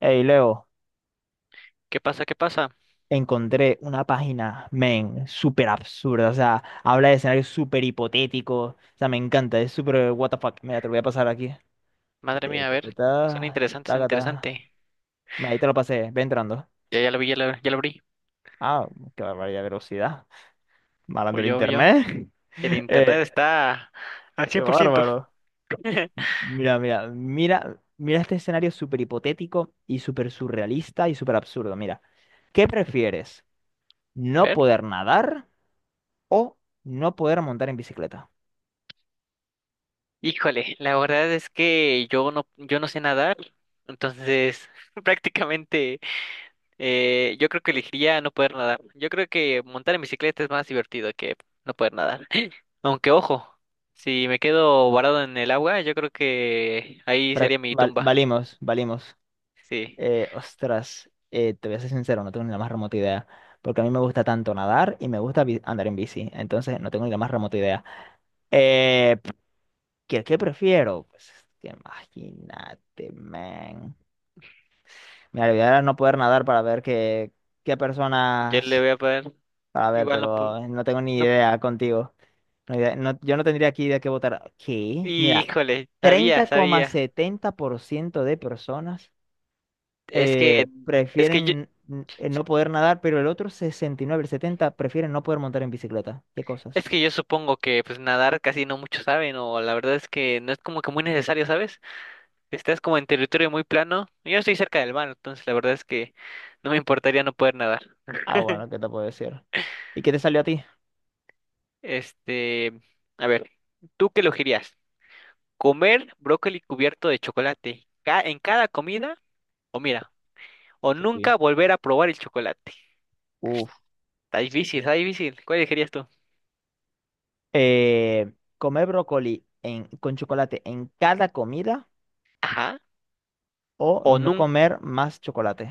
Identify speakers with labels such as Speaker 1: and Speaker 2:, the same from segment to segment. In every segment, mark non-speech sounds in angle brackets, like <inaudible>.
Speaker 1: Hey, Leo,
Speaker 2: ¿Qué pasa? ¿Qué pasa?
Speaker 1: encontré una página, men, súper absurda. O sea, habla de escenarios súper hipotéticos. O sea, me encanta, es súper what the fuck. Mira, te lo voy a pasar aquí.
Speaker 2: Madre mía, a ver, son
Speaker 1: Ta,
Speaker 2: interesantes, son
Speaker 1: taca, ta.
Speaker 2: interesantes.
Speaker 1: Mira, ahí te lo pasé, ve entrando.
Speaker 2: Ya lo vi, ya lo abrí.
Speaker 1: Ah, qué barbaridad de velocidad.
Speaker 2: O
Speaker 1: Malando el
Speaker 2: yo.
Speaker 1: internet. <laughs>
Speaker 2: El internet
Speaker 1: Eh,
Speaker 2: está al
Speaker 1: Qué
Speaker 2: 100%.
Speaker 1: bárbaro.
Speaker 2: <laughs>
Speaker 1: Mira, mira, mira, mira este escenario súper hipotético y súper surrealista y súper absurdo. Mira, ¿qué prefieres?
Speaker 2: A
Speaker 1: ¿No
Speaker 2: ver.
Speaker 1: poder nadar o no poder montar en bicicleta?
Speaker 2: Híjole, la verdad es que yo no sé nadar, entonces <laughs> prácticamente yo creo que elegiría no poder nadar. Yo creo que montar en bicicleta es más divertido que no poder nadar. <laughs> Aunque ojo, si me quedo varado en el agua, yo creo que ahí sería mi tumba.
Speaker 1: Valimos, valimos.
Speaker 2: Sí.
Speaker 1: Ostras, te voy a ser sincero, no tengo ni la más remota idea. Porque a mí me gusta tanto nadar y me gusta andar en bici. Entonces, no tengo ni la más remota idea. Eh, qué prefiero? Pues es que imagínate, man. Mira, la idea era no poder nadar para ver qué
Speaker 2: Yo le
Speaker 1: personas.
Speaker 2: voy a poner.
Speaker 1: Para ver,
Speaker 2: Igual no,
Speaker 1: pero no tengo ni
Speaker 2: no.
Speaker 1: idea contigo. Yo no tendría aquí de qué votar. ¿Qué? Mira,
Speaker 2: Híjole, sabía,
Speaker 1: treinta coma
Speaker 2: sabía.
Speaker 1: setenta por ciento de personas.
Speaker 2: Es que, es que yo,
Speaker 1: Prefieren no poder nadar, pero el otro 69, el 70 prefieren no poder montar en bicicleta. ¿Qué cosas?
Speaker 2: es que yo supongo que pues nadar casi no muchos saben, o la verdad es que no es como que muy necesario, ¿sabes? Estás como en territorio muy plano. Yo estoy cerca del mar, entonces la verdad es que no me importaría no poder nadar.
Speaker 1: Ah, bueno, ¿qué te puedo decir? ¿Y qué te salió a ti?
Speaker 2: Este, a ver, ¿tú qué elegirías? ¿Comer brócoli cubierto de chocolate en cada comida? O mira, o
Speaker 1: Uy.
Speaker 2: nunca volver a probar el chocolate.
Speaker 1: Uf.
Speaker 2: Está difícil, está difícil. ¿Cuál elegirías tú?
Speaker 1: ¿Comer brócoli con chocolate en cada comida
Speaker 2: Ajá.
Speaker 1: o
Speaker 2: O
Speaker 1: no
Speaker 2: nunca.
Speaker 1: comer más chocolate?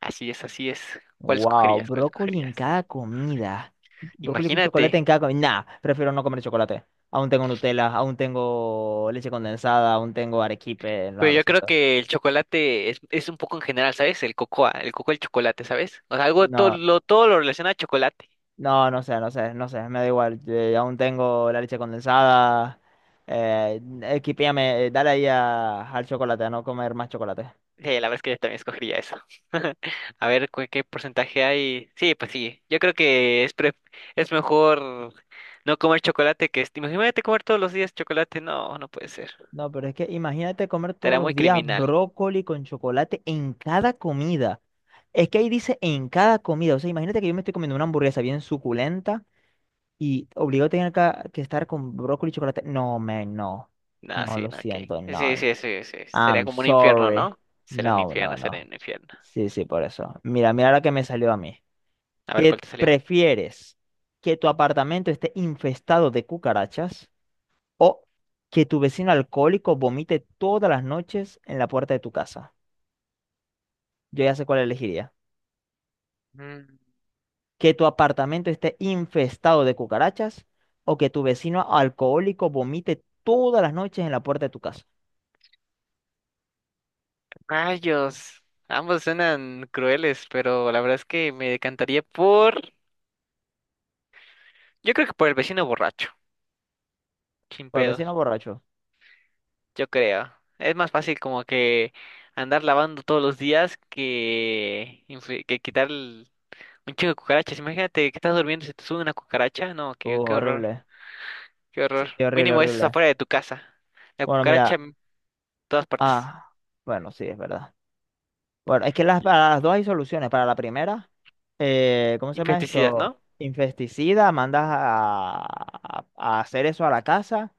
Speaker 2: Así es, así es. ¿Cuál
Speaker 1: Wow,
Speaker 2: escogerías? ¿Cuál
Speaker 1: brócoli en
Speaker 2: escogerías?
Speaker 1: cada comida. Brócoli con chocolate en
Speaker 2: Imagínate.
Speaker 1: cada comida. Nah, prefiero no comer chocolate. Aún tengo Nutella, aún tengo leche condensada, aún tengo arequipe. No,
Speaker 2: Pero
Speaker 1: lo
Speaker 2: yo creo
Speaker 1: siento.
Speaker 2: que el chocolate es un poco en general, ¿sabes? El cocoa, el chocolate, ¿sabes? O sea, algo, todo
Speaker 1: No,
Speaker 2: lo, todo lo relaciona a chocolate.
Speaker 1: no, no sé, no sé, no sé, me da igual. Aún tengo la leche condensada. Equipéame, dale ahí al chocolate, a no comer más chocolate.
Speaker 2: Sí, la verdad es que yo también escogería eso. <laughs> A ver, ¿qué porcentaje hay? Sí, pues sí. Yo creo que es mejor no comer chocolate que imagínate comer todos los días chocolate. No, no puede ser.
Speaker 1: No, pero es que imagínate comer
Speaker 2: Te
Speaker 1: todos
Speaker 2: hará
Speaker 1: los
Speaker 2: muy
Speaker 1: días
Speaker 2: criminal.
Speaker 1: brócoli con chocolate en cada comida. Es que ahí dice en cada comida. O sea, imagínate que yo me estoy comiendo una hamburguesa bien suculenta y obligado a tener que estar con brócoli y chocolate. No, men, no.
Speaker 2: No,
Speaker 1: No,
Speaker 2: sí,
Speaker 1: lo
Speaker 2: no, ok.
Speaker 1: siento, no.
Speaker 2: Sí, sí, sí, sí. Sería
Speaker 1: I'm
Speaker 2: como un infierno,
Speaker 1: sorry.
Speaker 2: ¿no? Sería un
Speaker 1: No, no,
Speaker 2: infierno, sería
Speaker 1: no.
Speaker 2: un infierno.
Speaker 1: Sí, sí, por eso. Mira, mira la que me salió a mí.
Speaker 2: A ver, ¿cuál
Speaker 1: ¿Qué
Speaker 2: te salió?
Speaker 1: prefieres? ¿Que tu apartamento esté infestado de cucarachas o que tu vecino alcohólico vomite todas las noches en la puerta de tu casa? Yo ya sé cuál elegiría.
Speaker 2: Mm,
Speaker 1: ¿Que tu apartamento esté infestado de cucarachas o que tu vecino alcohólico vomite todas las noches en la puerta de tu casa?
Speaker 2: rayos. Ambos suenan crueles, pero la verdad es que me decantaría por... yo creo que por el vecino borracho. Sin
Speaker 1: Por el vecino
Speaker 2: pedos,
Speaker 1: borracho.
Speaker 2: yo creo. Es más fácil como que andar lavando todos los días que quitar un chingo de cucarachas. Imagínate que estás durmiendo y se te sube una cucaracha. No, qué, qué horror,
Speaker 1: Horrible.
Speaker 2: qué
Speaker 1: Sí,
Speaker 2: horror.
Speaker 1: sí, horrible,
Speaker 2: Mínimo eso es
Speaker 1: horrible.
Speaker 2: afuera de tu casa. La
Speaker 1: Bueno,
Speaker 2: cucaracha
Speaker 1: mira.
Speaker 2: todas partes.
Speaker 1: Ah, bueno, sí, es verdad. Bueno, es que las,
Speaker 2: Y-
Speaker 1: para las dos hay soluciones. Para la primera, ¿cómo se llama
Speaker 2: Infesticidas,
Speaker 1: esto?
Speaker 2: ¿no?
Speaker 1: Infesticida, mandas a hacer eso a la casa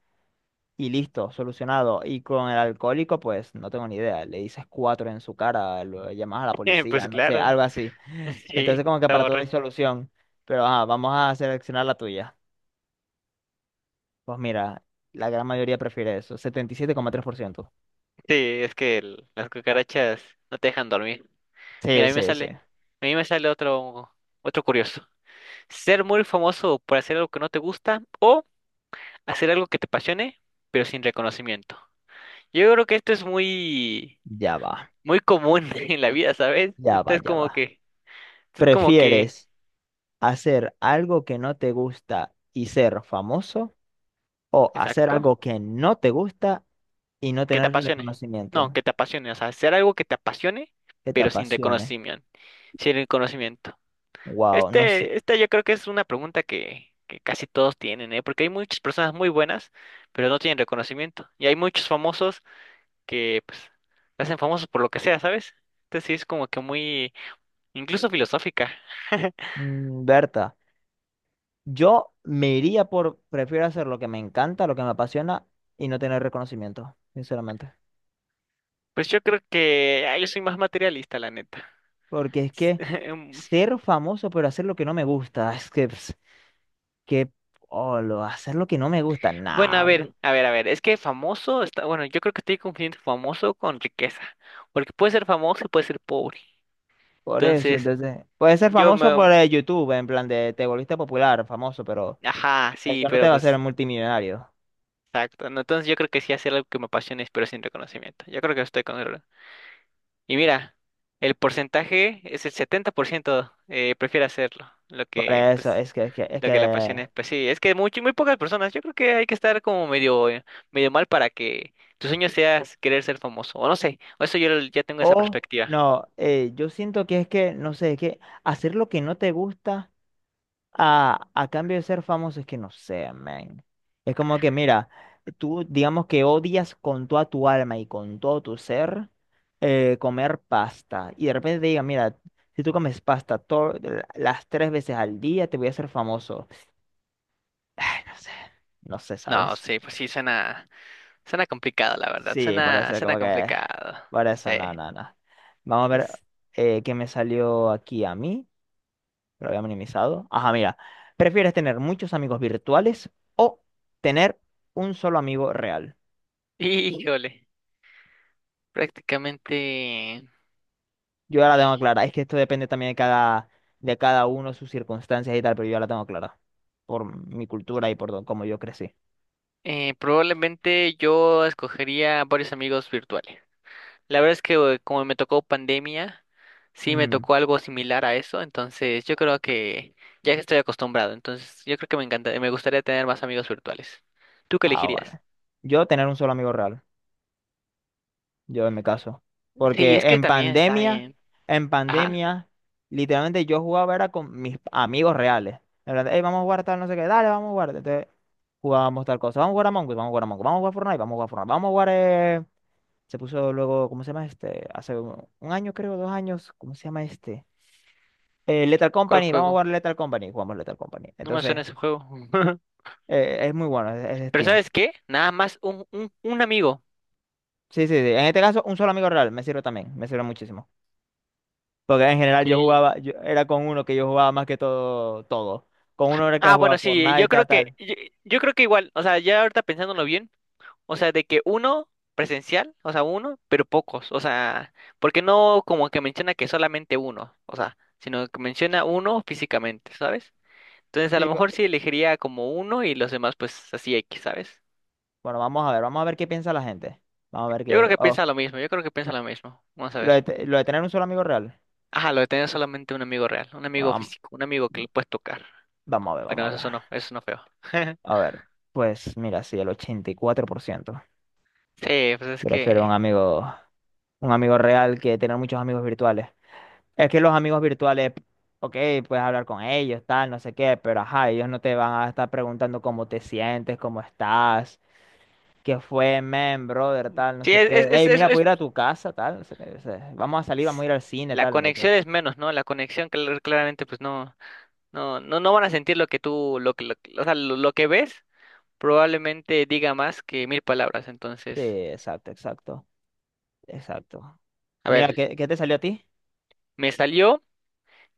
Speaker 1: y listo, solucionado. Y con el alcohólico, pues no tengo ni idea. Le dices cuatro en su cara, lo llamas a la
Speaker 2: <laughs>
Speaker 1: policía,
Speaker 2: Pues
Speaker 1: no sé,
Speaker 2: claro,
Speaker 1: algo así.
Speaker 2: <laughs>
Speaker 1: Entonces,
Speaker 2: sí,
Speaker 1: como que
Speaker 2: está
Speaker 1: para todo hay
Speaker 2: borracho.
Speaker 1: solución. Pero ajá, vamos a seleccionar la tuya. Pues mira, la gran mayoría prefiere eso, 77,3%.
Speaker 2: Sí, es que las cucarachas no te dejan dormir. Mira,
Speaker 1: Sí,
Speaker 2: a mí me
Speaker 1: sí, sí.
Speaker 2: sale, a mí me sale otro, otro curioso. Ser muy famoso por hacer algo que no te gusta o hacer algo que te apasione, pero sin reconocimiento. Yo creo que esto es muy,
Speaker 1: Ya va,
Speaker 2: muy común <laughs> en la vida, ¿sabes?
Speaker 1: ya
Speaker 2: Esto
Speaker 1: va,
Speaker 2: es
Speaker 1: ya
Speaker 2: como
Speaker 1: va.
Speaker 2: que, esto es como que,
Speaker 1: ¿Prefieres hacer algo que no te gusta y ser famoso o hacer
Speaker 2: exacto.
Speaker 1: algo que no te gusta y no
Speaker 2: Que te
Speaker 1: tener
Speaker 2: apasione. No,
Speaker 1: reconocimiento?
Speaker 2: que te apasione, o sea, hacer algo que te apasione,
Speaker 1: Que te
Speaker 2: pero sin
Speaker 1: apasione.
Speaker 2: reconocimiento, sin reconocimiento.
Speaker 1: Wow, no sé.
Speaker 2: Este, esta yo creo que es una pregunta que casi todos tienen, ¿eh? Porque hay muchas personas muy buenas, pero no tienen reconocimiento. Y hay muchos famosos que, pues, se hacen famosos por lo que sea, ¿sabes? Entonces sí es como que muy, incluso filosófica. <laughs>
Speaker 1: Mm, Berta, yo me iría por, prefiero hacer lo que me encanta, lo que me apasiona y no tener reconocimiento, sinceramente.
Speaker 2: Pues yo creo que, ah, yo soy más materialista, la neta.
Speaker 1: Porque es que
Speaker 2: <laughs>
Speaker 1: ser famoso pero hacer lo que no me gusta, es que, pss, que, oh, hacer lo que no me gusta,
Speaker 2: Bueno, a
Speaker 1: nada.
Speaker 2: ver, a ver, a ver, es que famoso está, bueno, yo creo que estoy confundiendo famoso con riqueza, porque puede ser famoso y puede ser pobre.
Speaker 1: Por eso,
Speaker 2: Entonces,
Speaker 1: entonces, puede ser
Speaker 2: yo
Speaker 1: famoso por
Speaker 2: me,
Speaker 1: YouTube, en plan de te volviste popular, famoso, pero
Speaker 2: ajá, sí,
Speaker 1: eso no te
Speaker 2: pero
Speaker 1: va a hacer
Speaker 2: pues,
Speaker 1: multimillonario.
Speaker 2: exacto, no, entonces yo creo que sí hacer algo que me apasione, pero sin reconocimiento. Yo creo que estoy con él. Y mira, el porcentaje es el 70% prefiere hacerlo, lo
Speaker 1: Por
Speaker 2: que,
Speaker 1: eso,
Speaker 2: pues,
Speaker 1: es que, es que, es
Speaker 2: lo que la pasión
Speaker 1: que,
Speaker 2: es, pues sí, es que muy, muy pocas personas, yo creo que hay que estar como medio, medio mal para que tu sueño sea querer ser famoso, o no sé, o eso yo ya tengo esa
Speaker 1: o
Speaker 2: perspectiva.
Speaker 1: no, yo siento que es que, no sé, es que hacer lo que no te gusta. A cambio de ser famoso es que no sé, man. Es como que, mira, tú digamos que odias con toda tu alma y con todo tu ser comer pasta. Y de repente te digan, mira, si tú comes pasta las 3 veces al día, te voy a hacer famoso. Ay, no sé, no sé,
Speaker 2: No,
Speaker 1: ¿sabes?
Speaker 2: sí, pues sí, suena, suena complicado, la verdad,
Speaker 1: Sí, por
Speaker 2: suena,
Speaker 1: eso
Speaker 2: suena
Speaker 1: como que…
Speaker 2: complicado,
Speaker 1: Por
Speaker 2: sí.
Speaker 1: eso, no, no, no. Vamos a ver
Speaker 2: Es-
Speaker 1: qué me salió aquí a mí. Lo había minimizado. Ajá, mira. ¿Prefieres tener muchos amigos virtuales o tener un solo amigo real?
Speaker 2: <laughs> híjole, prácticamente,
Speaker 1: Yo ya la tengo clara. Es que esto depende también de cada uno, sus circunstancias y tal, pero yo ya la tengo clara. Por mi cultura y por cómo yo crecí.
Speaker 2: probablemente yo escogería varios amigos virtuales. La verdad es que como me tocó pandemia, sí me
Speaker 1: Ujú.
Speaker 2: tocó algo similar a eso, entonces yo creo que ya que estoy acostumbrado, entonces yo creo que me encanta, me gustaría tener más amigos virtuales. ¿Tú qué
Speaker 1: Ah,
Speaker 2: elegirías?
Speaker 1: bueno. Yo tener un solo amigo real. Yo en mi caso.
Speaker 2: Sí, es
Speaker 1: Porque
Speaker 2: que también está bien.
Speaker 1: en
Speaker 2: Ajá,
Speaker 1: pandemia, literalmente yo jugaba era con mis amigos reales. En plan, "Ey, vamos a jugar tal, no sé qué, dale, vamos a jugar". Entonces jugábamos tal cosa, vamos a jugar a Among Us, vamos a jugar a Among Us, vamos a jugar Fortnite, vamos a jugar Fortnite, vamos a jugar… Se puso luego, ¿cómo se llama este? Hace un año, creo, 2 años, ¿cómo se llama este? Lethal
Speaker 2: ¿cuál
Speaker 1: Company, vamos a
Speaker 2: juego?
Speaker 1: jugar Lethal Company, jugamos Lethal Company.
Speaker 2: No me
Speaker 1: Entonces,
Speaker 2: suena ese juego. <laughs>
Speaker 1: es muy bueno, es de
Speaker 2: Pero
Speaker 1: Steam.
Speaker 2: ¿sabes qué? Nada más un amigo.
Speaker 1: Sí, sí, sí. En este caso, un solo amigo real me sirve también, me sirve muchísimo. Porque en
Speaker 2: Ok.
Speaker 1: general yo jugaba, yo, era con uno que yo jugaba más que todo, todo. Con uno era que
Speaker 2: Ah,
Speaker 1: jugaba
Speaker 2: bueno, sí,
Speaker 1: Fortnite,
Speaker 2: yo
Speaker 1: tal,
Speaker 2: creo que,
Speaker 1: tal.
Speaker 2: yo, yo creo que igual, o sea, ya ahorita pensándolo bien. O sea, de que uno presencial, o sea, uno, pero pocos. O sea, porque no como que menciona que solamente uno, o sea, sino que menciona uno físicamente, ¿sabes? Entonces, a lo
Speaker 1: Sí,
Speaker 2: mejor sí elegiría como uno y los demás, pues así X, ¿sabes?
Speaker 1: bueno, vamos a ver qué piensa la gente. Vamos a ver
Speaker 2: Yo creo
Speaker 1: qué.
Speaker 2: que
Speaker 1: Oh,
Speaker 2: piensa lo mismo, yo creo que piensa lo mismo. Vamos a ver.
Speaker 1: lo de tener un solo amigo real.
Speaker 2: Ajá, lo de tener solamente un amigo real, un
Speaker 1: Bueno,
Speaker 2: amigo físico, un amigo que le puedes tocar.
Speaker 1: vamos, a ver,
Speaker 2: Bueno,
Speaker 1: vamos a ver.
Speaker 2: eso no feo.
Speaker 1: A
Speaker 2: <laughs>
Speaker 1: ver, pues mira, sí, el 84%.
Speaker 2: Sí, pues es
Speaker 1: Prefiero
Speaker 2: que.
Speaker 1: un amigo real que tener muchos amigos virtuales. Es que los amigos virtuales, ok, puedes hablar con ellos, tal, no sé qué, pero ajá, ellos no te van a estar preguntando cómo te sientes, cómo estás que fue, men, brother, tal, no
Speaker 2: Sí,
Speaker 1: sé qué. Hey, mira, puedo ir a tu casa, tal, no sé qué. O sea, vamos a salir, vamos a ir al cine,
Speaker 2: la
Speaker 1: tal. No sé qué.
Speaker 2: conexión es menos, ¿no? La conexión, claramente, pues no. No, no, no van a sentir lo que tú, o sea, lo que ves probablemente diga más que mil palabras.
Speaker 1: Sí,
Speaker 2: Entonces,
Speaker 1: exacto, exacto, exacto.
Speaker 2: a ver,
Speaker 1: Mira,
Speaker 2: sí.
Speaker 1: ¿qué te salió a ti?
Speaker 2: Me salió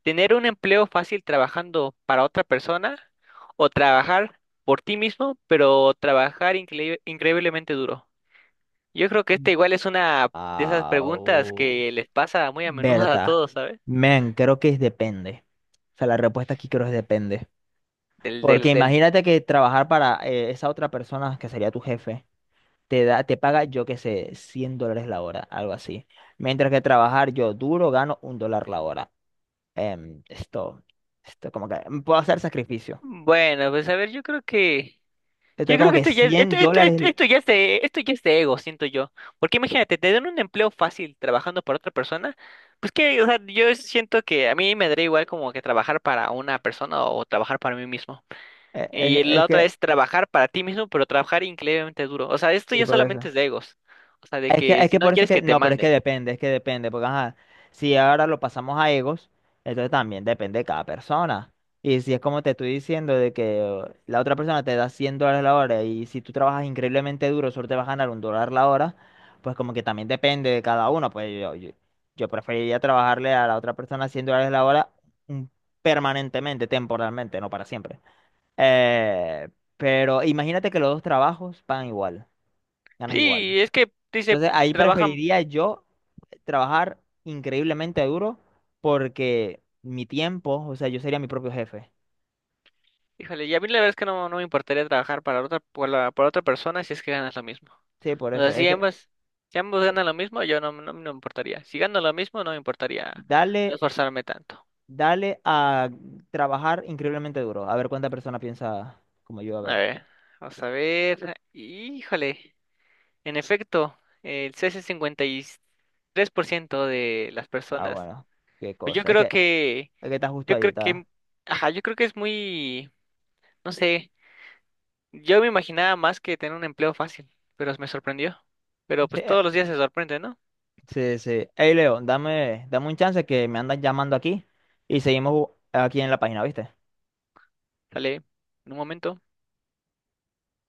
Speaker 2: tener un empleo fácil trabajando para otra persona o trabajar por ti mismo, pero trabajar increíblemente duro. Yo creo que esta igual es una de esas preguntas
Speaker 1: Au.
Speaker 2: que les pasa muy a menudo a
Speaker 1: Berta,
Speaker 2: todos, ¿sabes?
Speaker 1: men, creo que es depende. O sea, la respuesta aquí creo es depende.
Speaker 2: Del,
Speaker 1: Porque
Speaker 2: del, del.
Speaker 1: imagínate que trabajar para esa otra persona que sería tu jefe, te da, te paga, yo qué sé, $100 la hora, algo así. Mientras que trabajar yo duro gano $1 la hora. em, esto, esto, como que puedo hacer sacrificio.
Speaker 2: Bueno, pues a ver, yo creo que yo
Speaker 1: Esto
Speaker 2: creo
Speaker 1: como
Speaker 2: que
Speaker 1: que
Speaker 2: esto ya es, esto,
Speaker 1: 100
Speaker 2: esto, esto,
Speaker 1: dólares.
Speaker 2: esto ya es de, esto ya es de ego, siento yo. Porque imagínate, te dan un empleo fácil trabajando para otra persona. Pues que, o sea, yo siento que a mí me daría igual como que trabajar para una persona o trabajar para mí mismo.
Speaker 1: eh, eh,
Speaker 2: Y
Speaker 1: Es,
Speaker 2: la otra
Speaker 1: que,
Speaker 2: es trabajar para ti mismo, pero trabajar increíblemente duro. O sea, esto
Speaker 1: y
Speaker 2: ya
Speaker 1: por eso.
Speaker 2: solamente es de egos. O sea, de
Speaker 1: Es que,
Speaker 2: que
Speaker 1: es
Speaker 2: si
Speaker 1: que
Speaker 2: no
Speaker 1: por eso es
Speaker 2: quieres
Speaker 1: que,
Speaker 2: que te
Speaker 1: no, pero
Speaker 2: manden.
Speaker 1: es que depende, porque ajá, si ahora lo pasamos a egos, entonces también depende de cada persona. Y si es como te estoy diciendo de que la otra persona te da $100 la hora y si tú trabajas increíblemente duro, solo te vas a ganar $1 la hora, pues como que también depende de cada uno. Pues yo preferiría trabajarle a la otra persona $100 la hora mm, permanentemente, temporalmente, no para siempre. Eh, pero imagínate que los dos trabajos pagan igual, ganas igual.
Speaker 2: Sí, es que dice,
Speaker 1: Entonces ahí
Speaker 2: trabajan,
Speaker 1: preferiría yo trabajar increíblemente duro porque mi tiempo, o sea, yo sería mi propio jefe.
Speaker 2: híjole, y a mí la verdad es que no, no me importaría trabajar para otra, para otra persona si es que ganas lo mismo.
Speaker 1: Sí, por
Speaker 2: O
Speaker 1: eso.
Speaker 2: sea, si
Speaker 1: Es que
Speaker 2: ambos, si ambos ganan lo mismo, yo no, no, no me importaría. Si gano lo mismo, no me importaría no
Speaker 1: dale,
Speaker 2: esforzarme tanto.
Speaker 1: dale a trabajar increíblemente duro. A ver cuánta persona piensa como yo, a
Speaker 2: A
Speaker 1: ver.
Speaker 2: ver, vamos a ver. Híjole, en efecto, el CS por ciento de las
Speaker 1: Ah,
Speaker 2: personas.
Speaker 1: bueno, qué
Speaker 2: Pues
Speaker 1: cosa. Es que está justo
Speaker 2: yo
Speaker 1: ahí,
Speaker 2: creo
Speaker 1: está.
Speaker 2: que, ajá, yo creo que es muy, no sé, yo me imaginaba más que tener un empleo fácil, pero me sorprendió. Pero
Speaker 1: Sí,
Speaker 2: pues todos los días se sorprende, ¿no?
Speaker 1: sí, sí. Hey, Leo, dame un chance que me andan llamando aquí y seguimos aquí en la página, ¿viste?
Speaker 2: Sale en un momento.